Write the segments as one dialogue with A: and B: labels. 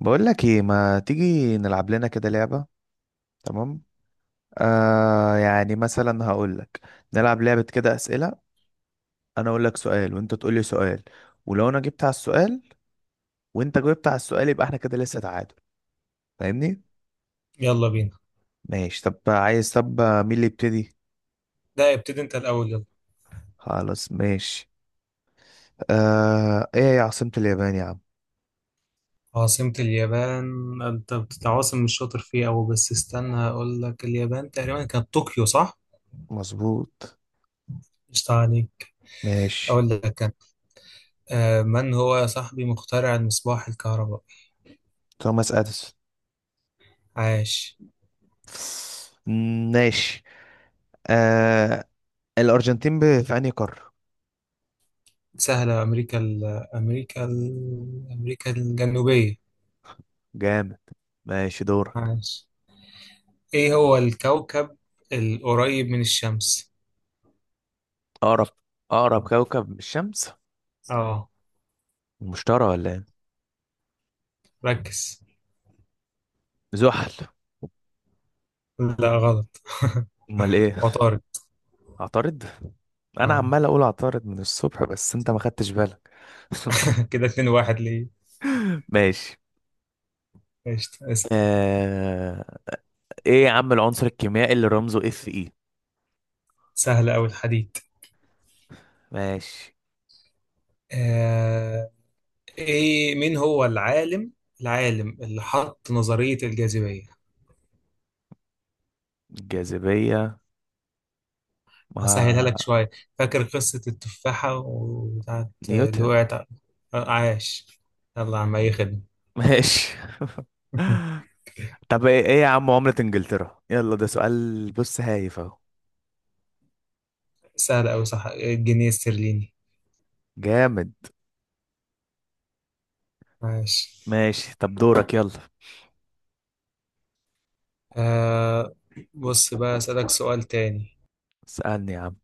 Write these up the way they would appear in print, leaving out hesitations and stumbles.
A: بقول لك ايه، ما تيجي نلعب لنا كده لعبة؟ تمام. يعني مثلا هقول لك نلعب لعبة كده أسئلة. انا اقول لك سؤال وانت تقول لي سؤال، ولو انا جبت على السؤال وانت جاوبت على السؤال يبقى احنا كده لسه تعادل، فاهمني؟
B: يلا بينا.
A: ماشي، طب عايز طب مين اللي يبتدي؟
B: لا، ابتدي انت الأول يلا.
A: خلاص ماشي. ايه هي عاصمة اليابان يا عم؟
B: عاصمة اليابان؟ انت بتتعاصم، مش شاطر فيه أوي، بس استنى هقول لك. اليابان تقريبا كانت طوكيو، صح؟
A: مظبوط،
B: مش عليك،
A: ماشي.
B: أقول لك كان. من هو صاحبي مخترع المصباح الكهربائي؟
A: توماس اديسون.
B: عاش.
A: ماشي. آه الارجنتين في انهي قارة؟
B: سهلة، أمريكا ال أمريكا ال أمريكا الجنوبية.
A: جامد، ماشي دورك.
B: عاش. إيه هو الكوكب القريب من الشمس؟
A: اقرب، اقرب كوكب من الشمس.
B: اه،
A: المشتري ولا ايه؟
B: ركز.
A: زحل.
B: لا، غلط.
A: امال ايه؟
B: عطارد.
A: عطارد. انا
B: اه.
A: عمال اقول عطارد من الصبح بس انت ما خدتش بالك.
B: كده اتنين واحد ليه؟
A: ماشي.
B: قشطة.
A: آه... ايه يا عم العنصر الكيميائي اللي رمزه اف اي؟
B: سهل أوي، الحديد.
A: ماشي.
B: آه إيه، مين هو العالم، العالم اللي حط نظرية الجاذبية؟
A: الجاذبية،
B: هسهلها لك
A: مع
B: شوية، فاكر قصة التفاحة وبتاعت اللي
A: نيوتن.
B: وقعت عاش. يلا يا عم، أي خدمة.
A: ماشي. طب ايه، إيه يا عم عملة انجلترا؟ يلا ده سؤال، بص هايف اهو.
B: سهل أوي، صح، الجنيه الاسترليني.
A: جامد،
B: عاش.
A: ماشي طب دورك يلا.
B: آه بص بقى، أسألك سؤال تاني.
A: اسألني يا عم.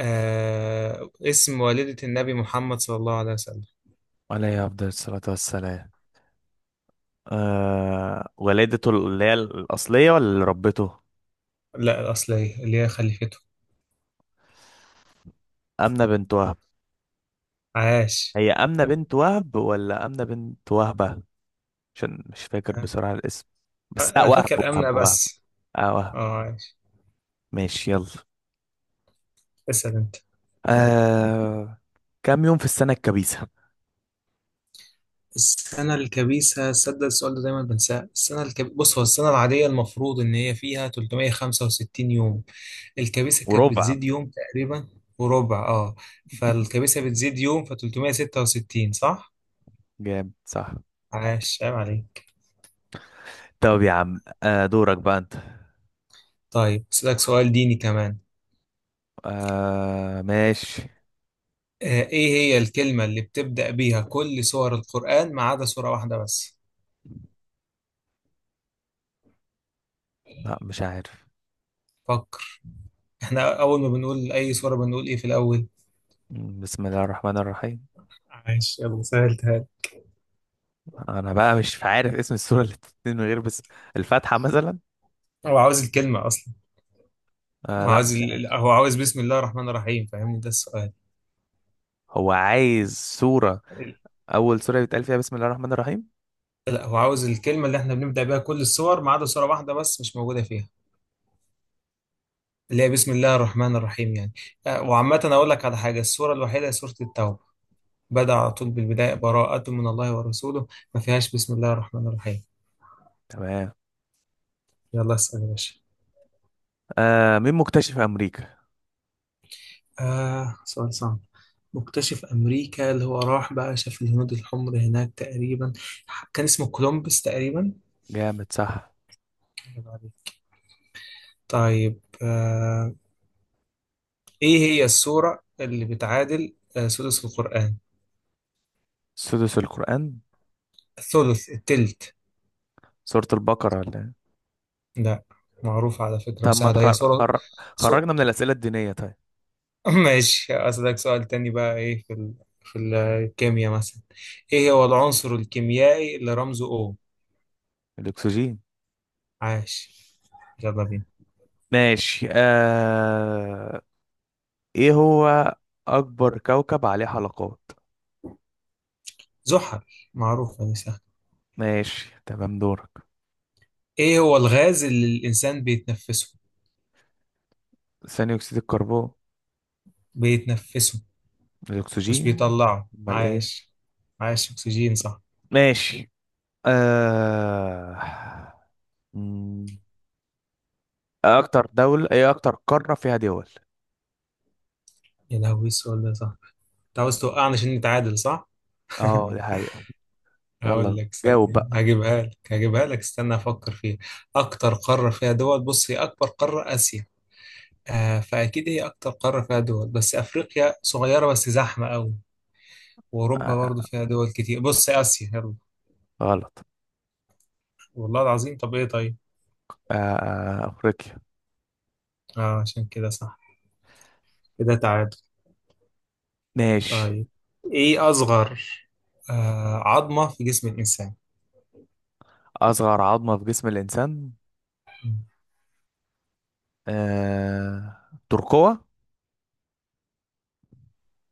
B: آه، اسم والدة النبي محمد صلى الله عليه وسلم؟
A: عليه افضل الصلاة والسلام. ولادته اللي هي الأصلية ولا اللي ربته؟
B: لا، الأصلية اللي هي خليفته.
A: أمنة بنت وهب.
B: عاش.
A: هي أمنة بنت وهب ولا أمنة بنت وهبة؟ عشان مش فاكر
B: آه.
A: بصراحة الاسم. بس لا،
B: انا
A: وهب،
B: فاكر امنه
A: وهب وهب،
B: بس.
A: اه وهب.
B: اه ماشي.
A: ماشي يلا.
B: اسال انت.
A: آه كام يوم في السنة الكبيسة؟
B: السنه الكبيسه، صدق السؤال ده دايما بنساه. بص، هو السنه العاديه المفروض ان هي فيها 365 يوم، الكبيسه كانت
A: وربع.
B: بتزيد يوم تقريبا. وربع اه. فالكبيسه بتزيد يوم، ف 366، صح؟
A: جامد صح.
B: عاش، عيب عليك.
A: طب يا عم دورك بقى انت.
B: طيب اسالك سؤال ديني كمان.
A: ماشي.
B: آه، ايه هي الكلمه اللي بتبدا بيها كل سور القران ما عدا سوره واحده بس؟
A: لا مش عارف.
B: فكر. احنا اول ما بنقول اي سوره بنقول ايه في الاول؟
A: بسم الله الرحمن الرحيم.
B: عايش، يلا سهلتها لي.
A: انا بقى مش عارف اسم السورة اللي بتتنين من غير بس. الفاتحة مثلا.
B: هو عاوز الكلمة أصلا. هو
A: لا
B: عاوز
A: مش عارف.
B: هو عاوز بسم الله الرحمن الرحيم، فاهمني؟ ده السؤال.
A: هو عايز سورة،
B: ال-
A: اول سورة بيتقال فيها بسم الله الرحمن الرحيم.
B: لا، هو عاوز الكلمة اللي احنا بنبدأ بيها كل السور ما عدا سورة واحدة بس مش موجودة فيها، اللي هي بسم الله الرحمن الرحيم يعني. آه، وعامة أقول لك على حاجة، السورة الوحيدة هي سورة التوبة، بدأ على طول بالبداية براءة من الله ورسوله، ما فيهاش بسم الله الرحمن الرحيم.
A: تمام.
B: يلا اسأل يا باشا.
A: مين مكتشف امريكا؟
B: آه، سؤال صعب. مكتشف أمريكا اللي هو راح بقى شاف الهنود الحمر هناك تقريبا، كان اسمه كولومبس تقريبا.
A: جامد صح.
B: طيب آه، إيه هي السورة اللي بتعادل آه، سدس القرآن،
A: سدس القرآن.
B: الثلث، التلت؟
A: سورة البقرة ولا إيه؟
B: لا. معروفة على فكرة
A: طب ما
B: وسهلة، هي سورة. سو...
A: خرجنا من الأسئلة الدينية طيب.
B: ماشي أسألك سؤال تاني بقى. إيه في الكيمياء مثلا، إيه هو العنصر الكيميائي اللي رمزه O؟
A: الاكسجين.
B: عاش، يلا بينا.
A: ماشي. ايه هو اكبر كوكب عليه حلقات؟
B: زحل، معروفة دي، سهلة.
A: ماشي تمام دورك.
B: إيه هو الغاز اللي الإنسان بيتنفسه؟
A: ثاني اكسيد الكربون.
B: بيتنفسه مش
A: الاكسجين.
B: بيطلعه،
A: امال ايه؟
B: عاش. عاش، أكسجين، صح.
A: ماشي. آه... مم. إيه اكتر دولة، ايه اكتر قارة فيها دول؟
B: يا لهوي، السؤال ده صعب. انت عاوز توقعني عشان نتعادل، صح؟
A: اه دي حقيقة.
B: هقول
A: يلا
B: لك
A: جاوب
B: ثانية،
A: بقى.
B: هجيبها لك هجيبها لك، استنى أفكر فيها. أكتر قارة فيها دول، بص، هي أكبر قارة آسيا، آه، فأكيد هي أكتر قارة فيها دول، بس أفريقيا صغيرة بس زحمة أوي،
A: آه.
B: وأوروبا برضو
A: آه،
B: فيها دول كتير، بص آسيا يلا.
A: غلط.
B: والله العظيم، طب إيه طيب؟
A: افريقيا.
B: آه، عشان كده صح، كده تعادل.
A: ماشي.
B: طيب، إيه أصغر آه، عظمة في جسم الإنسان؟
A: اصغر عظمة في جسم الانسان. آه... ترقوة.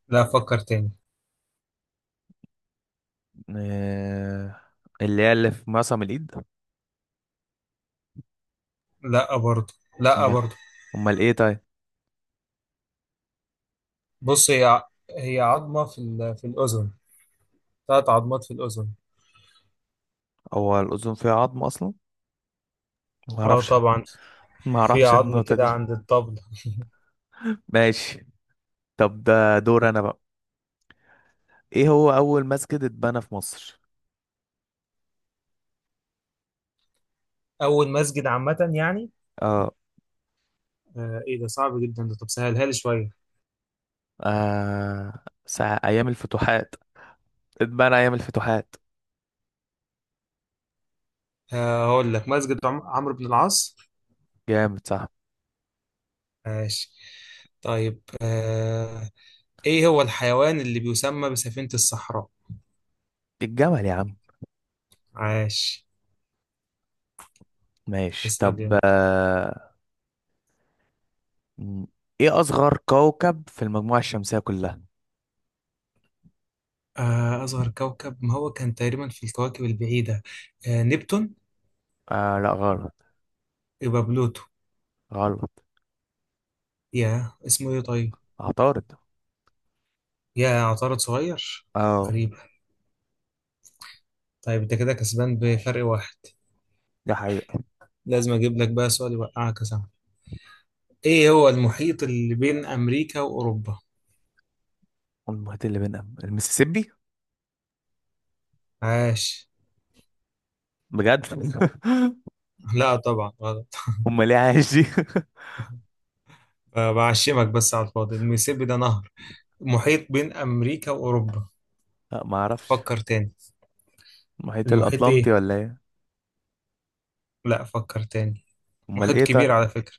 B: لا، أفكر تاني.
A: آه... اللي هي اللي في معصم الايد.
B: لا، برضو. لا،
A: امال،
B: برضو.
A: امال ايه طيب؟
B: بص، هي عظمة في الأذن، ثلاث عظمات في الأذن.
A: هو الاذن فيها عظم اصلا؟ ما
B: اه
A: اعرفش،
B: طبعا.
A: ما
B: في
A: اعرفش
B: عظم
A: النقطة دي.
B: كده عند الطبل.
A: ماشي. طب ده دور انا بقى. ايه هو اول مسجد اتبنى في مصر؟
B: أول مسجد عامة يعني؟
A: اه.
B: آه، إيه ده صعب جدا ده، طب سهلها لي شوية.
A: ساعة أيام الفتوحات، اتبنى أيام الفتوحات.
B: آه، هقول لك مسجد عمرو بن العاص.
A: جامد صح.
B: ماشي. طيب آه، إيه هو الحيوان اللي بيسمى بسفينة الصحراء؟
A: الجمل يا عم.
B: عاش.
A: ماشي
B: اسأل
A: طب.
B: يلا.
A: م- إيه أصغر كوكب في المجموعة الشمسية كلها؟
B: آه، أصغر كوكب، ما هو كان تقريبا في الكواكب البعيدة، آه، نبتون.
A: لا غلط.
B: يبقى بلوتو.
A: غلط.
B: يا اسمه إيه طيب؟
A: عطارد.
B: يا عطارد صغير.
A: اه
B: غريبة. طيب انت كده كسبان بفرق واحد،
A: ده حقيقة.
B: لازم اجيب لك بقى سؤال يوقعك يا صاحبي. ايه هو المحيط اللي بين امريكا واوروبا؟
A: المحيط اللي بيننا المسيسيبي.
B: عاش.
A: بجد.
B: لا، طبعا غلط.
A: أمال إيه عايش دي؟
B: بعشمك بس على الفاضي، الميسيبي ده نهر، محيط بين امريكا واوروبا.
A: لا معرفش.
B: فكر تاني.
A: المحيط
B: المحيط
A: الأطلنطي
B: ايه؟
A: ولا إيه؟
B: لا، فكر تاني.
A: أمال
B: محيط
A: إيه طيب؟
B: كبير على فكرة.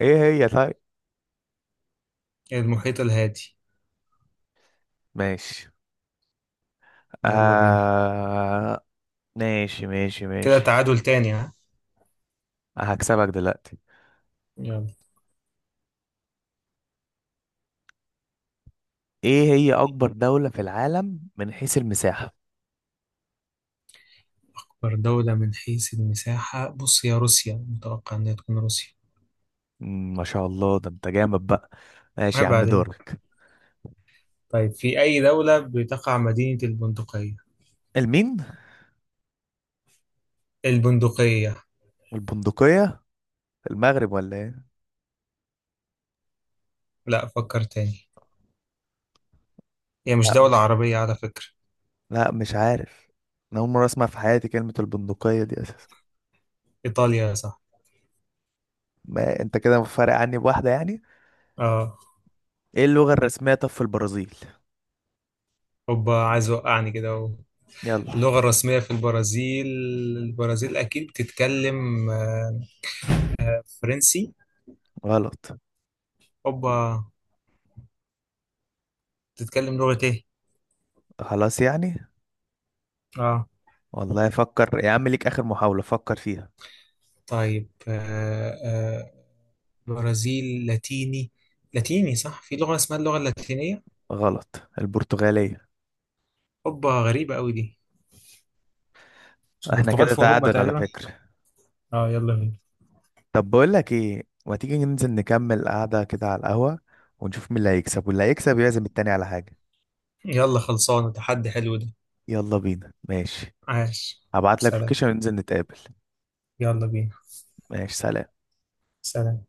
A: إيه هي طيب؟
B: المحيط الهادي.
A: ماشي.
B: يلا بينا.
A: آه... ماشي ماشي
B: كده
A: ماشي.
B: تعادل تاني، ها؟
A: هكسبك دلوقتي.
B: يلا.
A: ايه هي اكبر دولة في العالم من حيث المساحة؟
B: أكبر دولة من حيث المساحة؟ بص، يا روسيا، متوقع إنها تكون روسيا.
A: ما شاء الله ده انت جامد بقى. ماشي يا
B: عيب
A: عم
B: عليك.
A: دورك.
B: طيب، في أي دولة بتقع مدينة البندقية؟
A: المين؟
B: البندقية.
A: البندقية. المغرب ولا ايه؟
B: لا، فكر تاني. هي مش
A: لا
B: دولة
A: مش
B: عربية على فكرة.
A: لا مش عارف. انا اول مرة اسمع في حياتي كلمة البندقية دي اساسا.
B: إيطاليا، صح.
A: ما انت كده فارق عني بواحدة يعني.
B: اه.
A: ايه اللغة الرسمية طب في البرازيل؟
B: هوبا، عايز وقعني كده اهو.
A: يلا.
B: اللغة الرسمية في البرازيل، البرازيل أكيد بتتكلم آه، فرنسي.
A: غلط.
B: هوبا. بتتكلم لغة إيه؟
A: خلاص يعني.
B: اه.
A: والله فكر يا عم، ليك اخر محاولة فكر فيها.
B: طيب آه برازيل لاتيني، لاتيني، صح، في لغة اسمها اللغة اللاتينية.
A: غلط، البرتغالية.
B: هوبا، غريبة أوي دي، مش
A: احنا
B: البرتغال
A: كده
B: في أوروبا
A: تعادل على
B: تقريبا؟
A: فكرة.
B: اه، يلا بينا.
A: طب بقول لك ايه، ما تيجي ننزل نكمل قعدة كده على القهوة ونشوف مين اللي هيكسب، واللي هيكسب يعزم التاني على حاجة.
B: يلا، خلصانة، تحدي حلو ده.
A: يلا بينا ماشي.
B: عاش.
A: هبعت لك
B: سلام.
A: لوكيشن وننزل نتقابل.
B: يلا بينا.
A: ماشي سلام.
B: سلام.